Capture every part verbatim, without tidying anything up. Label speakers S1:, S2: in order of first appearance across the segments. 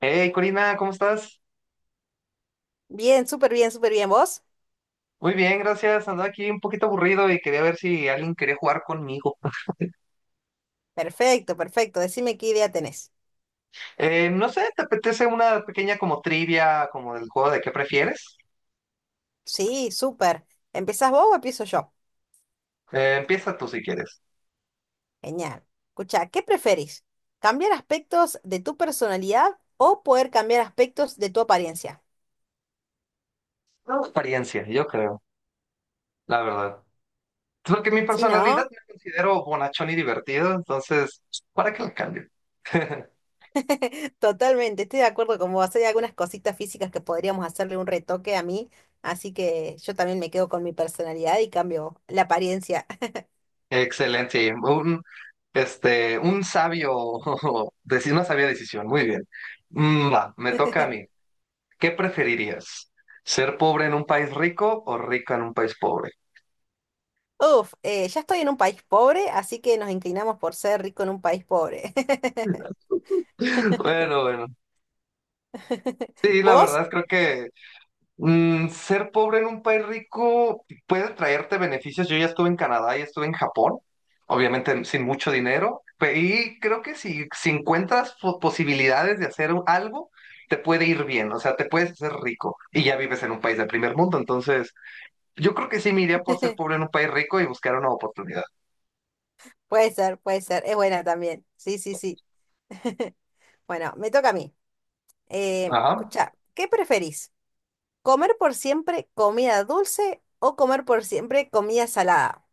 S1: Hey, Corina, ¿cómo estás?
S2: Bien, súper bien, súper bien. ¿Vos?
S1: Muy bien, gracias. Andaba aquí un poquito aburrido y quería ver si alguien quería jugar conmigo.
S2: Perfecto, perfecto. Decime qué idea tenés.
S1: Eh, no sé, ¿te apetece una pequeña como trivia, como del juego de qué prefieres?
S2: Sí, súper. ¿Empezás vos o empiezo yo?
S1: Eh, empieza tú si quieres.
S2: Genial. Escucha, ¿qué preferís? ¿Cambiar aspectos de tu personalidad o poder cambiar aspectos de tu apariencia?
S1: No, experiencia, yo creo, la verdad. Es porque mi
S2: Sí,
S1: personalidad
S2: ¿no?
S1: me considero bonachón y divertido, entonces, ¿para qué la cambio?
S2: Totalmente, estoy de acuerdo con vos. Hay algunas cositas físicas que podríamos hacerle un retoque a mí, así que yo también me quedo con mi personalidad y cambio la apariencia.
S1: Excelente, un, este, un sabio, deci- una sabia decisión, muy bien. Mm, va, me toca a mí. ¿Qué preferirías? ¿Ser pobre en un país rico o rico en un país pobre?
S2: Uf, eh, ya estoy en un país pobre, así que nos inclinamos por ser rico en un país pobre.
S1: Bueno, bueno. Sí, la
S2: ¿Vos?
S1: verdad creo que mm, ser pobre en un país rico puede traerte beneficios. Yo ya estuve en Canadá y estuve en Japón, obviamente sin mucho dinero, pe- y creo que si, si encuentras po- posibilidades de hacer un- algo, te puede ir bien, o sea, te puedes hacer rico y ya vives en un país de primer mundo. Entonces, yo creo que sí me iría por ser pobre en un país rico y buscar una oportunidad.
S2: Puede ser, puede ser. Es buena también. Sí, sí, sí. Bueno, me toca a mí. Eh,
S1: Ajá.
S2: escucha, ¿qué preferís? ¿Comer por siempre comida dulce o comer por siempre comida salada?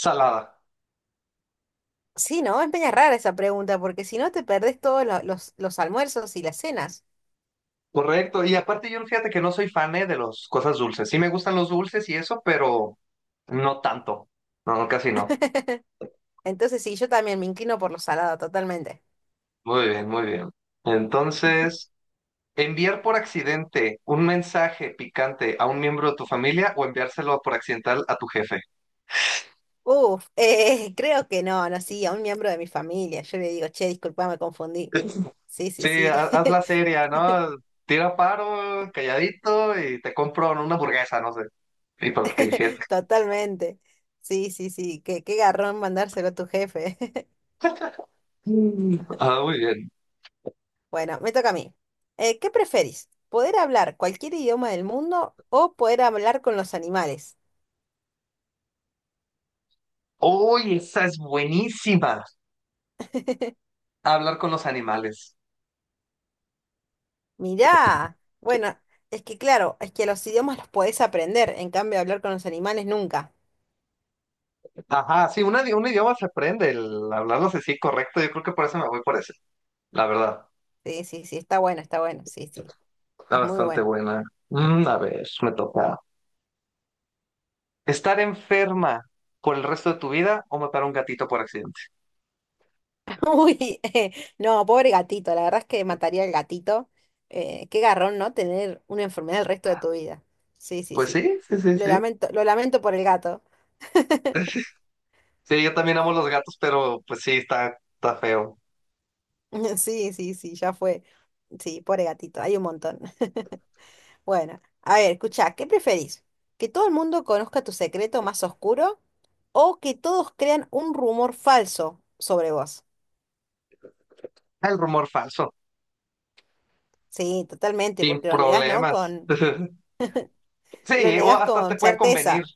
S1: Salada.
S2: Sí, ¿no? Es media rara esa pregunta, porque si no te perdés todos lo- los, los almuerzos y las cenas.
S1: Correcto, y aparte yo fíjate que no soy fan eh, de las cosas dulces. Sí me gustan los dulces y eso, pero no tanto. No, casi no.
S2: Entonces sí, yo también me inclino por lo salado, totalmente.
S1: Muy bien, muy bien. Entonces, enviar por accidente un mensaje picante a un miembro de tu familia o enviárselo por accidental a tu jefe.
S2: Uf, eh, creo que no, no, sí, a un miembro de mi familia. Yo le digo, che, disculpa, me confundí. Sí, sí,
S1: Sí,
S2: sí,
S1: ha- haz la seria, ¿no? Tira paro, calladito y te compro una hamburguesa, no sé. Y para que el jefe.
S2: totalmente. Sí, sí, sí, qué, qué garrón mandárselo a tu jefe.
S1: Mm. Ah, muy bien.
S2: Bueno, me toca a mí. Eh, ¿qué preferís? ¿Poder hablar cualquier idioma del mundo o poder hablar con los animales?
S1: Uy, esa es buenísima. Hablar con los animales.
S2: Mirá, bueno, es que claro, es que los idiomas los podés aprender, en cambio hablar con los animales nunca.
S1: Ajá, sí, un, un idioma se aprende, el hablarlo así correcto, yo creo que por eso me voy por ese, la verdad.
S2: Sí, sí, sí, está bueno, está bueno, sí, sí,
S1: Está
S2: es muy
S1: bastante
S2: bueno.
S1: buena. Mm, a ver, me toca. ¿Estar enferma por el resto de tu vida o matar a un gatito por accidente?
S2: Uy, no, pobre gatito, la verdad es que mataría al gatito. Eh, qué garrón, ¿no? Tener una enfermedad el resto de tu vida. Sí, sí,
S1: Pues
S2: sí.
S1: sí, sí, sí,
S2: Lo
S1: sí.
S2: lamento, lo lamento por el gato.
S1: Sí, yo también amo los gatos, pero pues sí, está, está feo.
S2: Sí, sí, sí, ya fue. Sí, pobre gatito, hay un montón. Bueno, a ver, escuchá, ¿qué preferís? ¿Que todo el mundo conozca tu secreto más oscuro o que todos crean un rumor falso sobre vos?
S1: El rumor falso,
S2: Sí, totalmente,
S1: sin
S2: porque lo negás, ¿no?
S1: problemas.
S2: Con, lo
S1: Sí, o
S2: negás
S1: hasta te
S2: con
S1: puede convenir.
S2: certeza.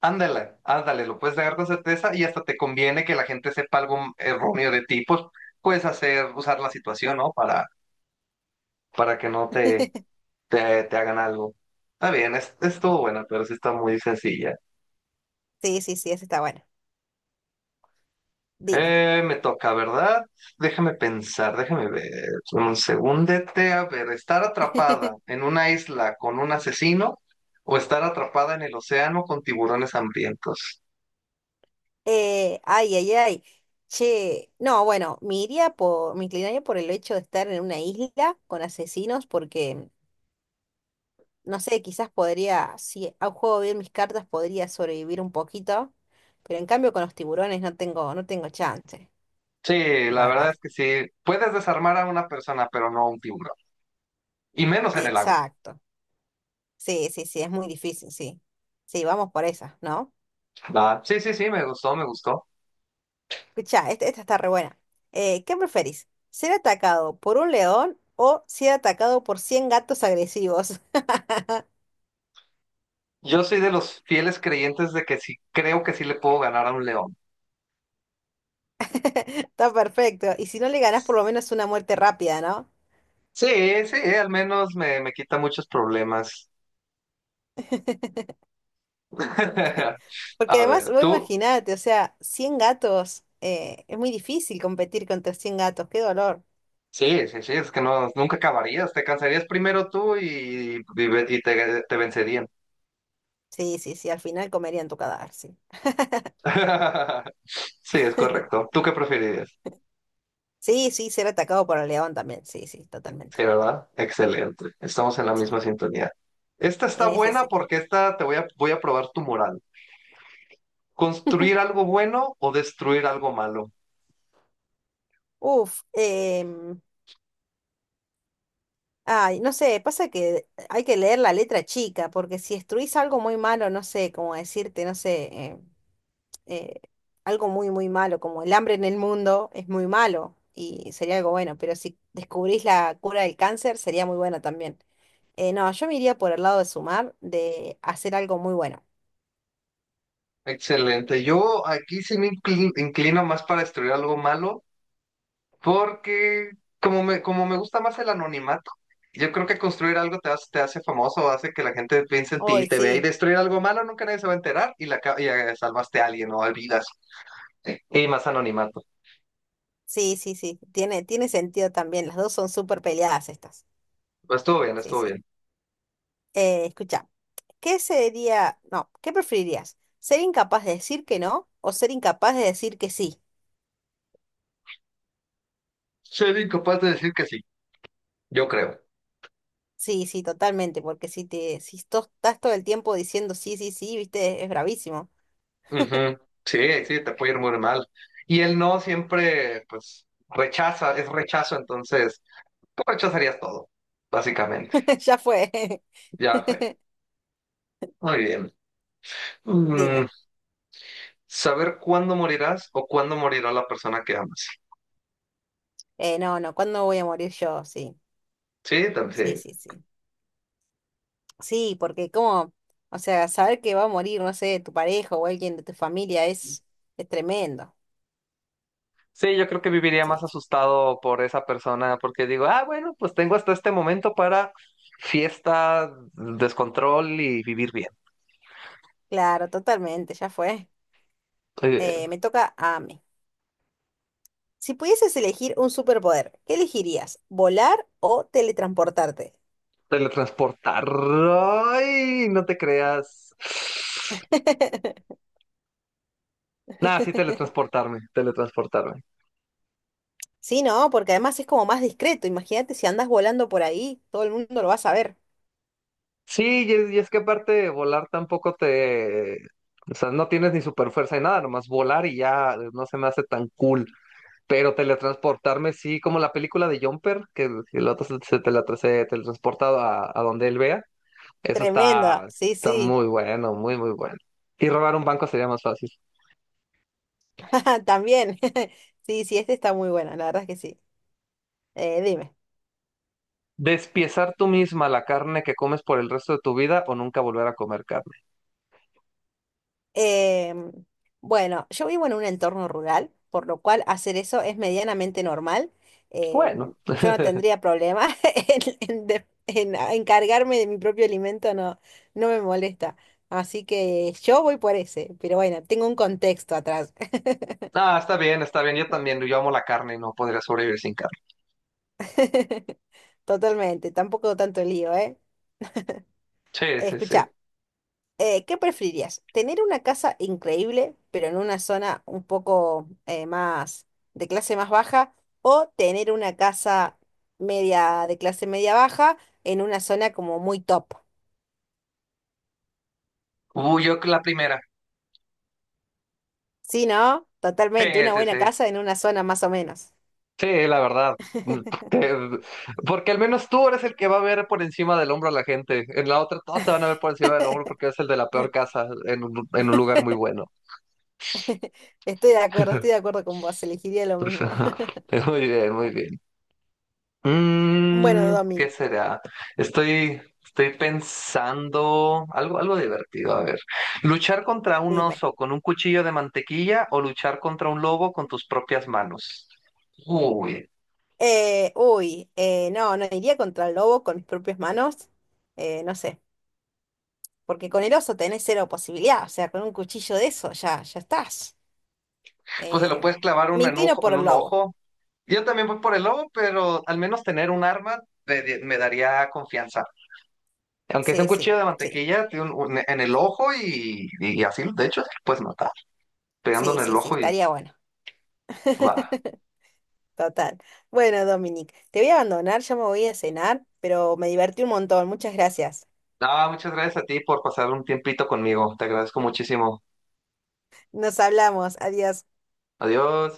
S1: Ándale, ándale, lo puedes negar con certeza y hasta te conviene que la gente sepa algo erróneo de ti, pues puedes hacer, usar la situación, ¿no? Para, para que no te, te, te hagan algo. Está bien, es, estuvo buena, pero sí está muy sencilla.
S2: Sí, sí, sí, eso está bueno. Dime.
S1: Eh, me toca, ¿verdad? Déjame pensar, déjame ver. Un segundete, a ver, estar atrapada en una isla con un asesino o estar atrapada en el océano con tiburones hambrientos.
S2: Eh, ay, ay, ay. Che, no, bueno, me iría por, me inclinaría por el hecho de estar en una isla con asesinos porque, no sé, quizás podría, si a- juego bien mis cartas, podría sobrevivir un poquito, pero en cambio con los tiburones no tengo, no tengo chance,
S1: Sí,
S2: la
S1: la verdad
S2: verdad.
S1: es que sí. Puedes desarmar a una persona, pero no a un tiburón. Y menos en el agua.
S2: Exacto. Sí, sí, sí, es muy difícil, sí. Sí, vamos por esa, ¿no?
S1: Va. Sí, sí, sí, me gustó, me gustó.
S2: Escucha, esta, esta está re buena. Eh, ¿qué preferís? ¿Ser atacado por un león o ser atacado por cien gatos agresivos?
S1: Yo soy de los fieles creyentes de que sí, creo que sí le puedo ganar a un león.
S2: Está perfecto. Y si no le ganás, por lo menos una muerte rápida, ¿no?
S1: Sí, sí, eh, al menos me, me quita muchos problemas.
S2: Porque
S1: A
S2: además,
S1: ver,
S2: vos
S1: tú.
S2: imaginate, o sea, cien gatos, eh, es muy difícil competir contra cien gatos, qué dolor.
S1: Sí, sí, sí, es que no, nunca acabarías. Te cansarías primero tú y, y ve- y te, te vencerían.
S2: Sí, sí, sí, al final comerían tu cadáver, sí.
S1: Sí, es correcto. ¿Tú qué preferirías?
S2: Sí, sí, ser atacado por el león también, sí, sí,
S1: Sí,
S2: totalmente.
S1: ¿verdad? Excelente. Estamos en la misma
S2: Sí,
S1: sintonía. Esta está
S2: en ese
S1: buena
S2: sí.
S1: porque esta te voy a, voy a probar tu moral. ¿Construir algo bueno o destruir algo malo?
S2: Uf, em, ay, no sé, pasa que hay que leer la letra chica, porque si destruís algo muy malo, no sé, como decirte, no sé, em, eh, algo muy, muy malo, como el hambre en el mundo es muy malo y sería algo bueno, pero si descubrís la cura del cáncer sería muy bueno también. Eh, no, yo me iría por el lado de sumar, de hacer algo muy bueno.
S1: Excelente. Yo aquí sí me incli- inclino más para destruir algo malo porque como me, como me gusta más el anonimato, yo creo que construir algo te hace, te hace famoso, hace que la gente piense en ti y
S2: Hoy
S1: te vea y
S2: sí,
S1: destruir algo malo nunca nadie se va a enterar y, la, ca- y eh, salvaste a alguien o olvidas. Y más anonimato.
S2: sí, sí, sí, tiene, tiene sentido también, las dos son súper peleadas estas.
S1: Estuvo bien,
S2: Sí,
S1: estuvo
S2: sí.
S1: bien.
S2: Eh, escucha, ¿qué sería, no, qué preferirías? ¿Ser incapaz de decir que no o ser incapaz de decir que sí?
S1: Soy incapaz de decir que sí, yo creo.
S2: Sí, sí, totalmente, porque si te, si to- estás todo el tiempo diciendo sí, sí, sí, viste, es bravísimo.
S1: Ujú. Sí, sí, te puede ir muy mal. Y el no siempre, pues, rechaza, es rechazo, entonces, tú rechazarías todo, básicamente.
S2: Ya fue.
S1: Ya fue. Muy bien. Mm,
S2: Dime.
S1: saber cuándo morirás o cuándo morirá la persona que amas.
S2: Eh, no, no, ¿cuándo voy a morir yo? Sí,
S1: Sí,
S2: sí,
S1: también.
S2: sí, sí. Sí, porque como, o sea, saber que va a morir, no sé, tu pareja o alguien de tu familia es, es tremendo.
S1: Sí, yo creo que viviría
S2: Sí,
S1: más
S2: sí.
S1: asustado por esa persona porque digo, ah, bueno, pues tengo hasta este momento para fiesta, descontrol y vivir bien.
S2: Claro, totalmente, ya fue.
S1: Muy
S2: Eh,
S1: bien.
S2: me toca a mí. Si pudieses elegir un superpoder, ¿qué elegirías? ¿Volar o teletransportarte?
S1: Teletransportar. Ay, no te creas. Nada, sí, teletransportarme, teletransportarme.
S2: Sí, no, porque además es como más discreto. Imagínate si andas volando por ahí, todo el mundo lo va a saber.
S1: Sí, y es, y es que aparte volar tampoco te... O sea, no tienes ni super fuerza ni nada, nomás volar y ya eh, no se me hace tan cool. Pero teletransportarme, sí, como la película de Jumper, que el el otro se, se teletra- se teletransporta a, a donde él vea. Eso
S2: Tremenda,
S1: está,
S2: sí,
S1: está
S2: sí.
S1: muy bueno, muy, muy bueno. Y robar un banco sería más fácil.
S2: También. Sí, sí, este está muy bueno, la verdad es que sí. Eh, dime.
S1: Despiezar tú misma la carne que comes por el resto de tu vida o nunca volver a comer carne.
S2: Em, bueno, yo vivo en un entorno rural, por lo cual hacer eso es medianamente normal. Em,
S1: Bueno.
S2: yo no tendría problema en, en de- en a- encargarme de mi propio alimento, no, no me molesta. Así que yo voy por ese, pero bueno, tengo un contexto atrás.
S1: Ah, está bien, está bien. Yo también, yo amo la carne y no podría sobrevivir sin carne.
S2: Totalmente, tampoco tanto lío, ¿eh?
S1: Sí, sí, sí.
S2: Escucha, eh, ¿qué preferirías? ¿Tener una casa increíble, pero en una zona un poco eh, más de clase más baja? ¿O tener una casa media de clase media baja en una zona como muy top?
S1: Uy, yo la primera.
S2: Sí, ¿no? Totalmente,
S1: Sí,
S2: una
S1: sí,
S2: buena
S1: sí.
S2: casa en una zona más o menos.
S1: Sí, la verdad. Mm, porque porque al menos tú eres el que va a ver por encima del hombro a la gente. En la otra todos te van a ver por encima del hombro porque eres el de la peor casa en un, en un lugar muy bueno.
S2: Estoy de acuerdo, estoy de acuerdo con vos, elegiría lo mismo.
S1: Muy bien, muy bien.
S2: Bueno,
S1: Mm, ¿qué
S2: Domin,
S1: será? Estoy, estoy pensando algo, algo divertido. A ver, luchar contra un
S2: dime.
S1: oso con un cuchillo de mantequilla o luchar contra un lobo con tus propias manos. Uy,
S2: Eh, uy, eh, no, no iría contra el lobo con mis propias manos, eh, no sé, porque con el oso tenés cero posibilidad, o sea, con un cuchillo de eso ya, ya estás.
S1: pues se lo
S2: Eh,
S1: puedes clavar
S2: Me
S1: un en,
S2: inclino
S1: ojo-
S2: por
S1: en
S2: el
S1: un
S2: lobo.
S1: ojo. Yo también voy por el lobo, pero al menos tener un arma me, me daría confianza. Aunque sea un
S2: Sí, sí,
S1: cuchillo de
S2: sí,
S1: mantequilla, tiene un- un- en el ojo y, y así, de hecho, así lo puedes matar, pegando en
S2: sí,
S1: el
S2: sí, sí,
S1: ojo y
S2: estaría bueno.
S1: va.
S2: Total. Bueno, Dominic, te voy a abandonar, ya me voy a cenar, pero me divertí un montón, muchas gracias.
S1: No, muchas gracias a ti por pasar un tiempito conmigo. Te agradezco muchísimo.
S2: Nos hablamos, adiós.
S1: Adiós.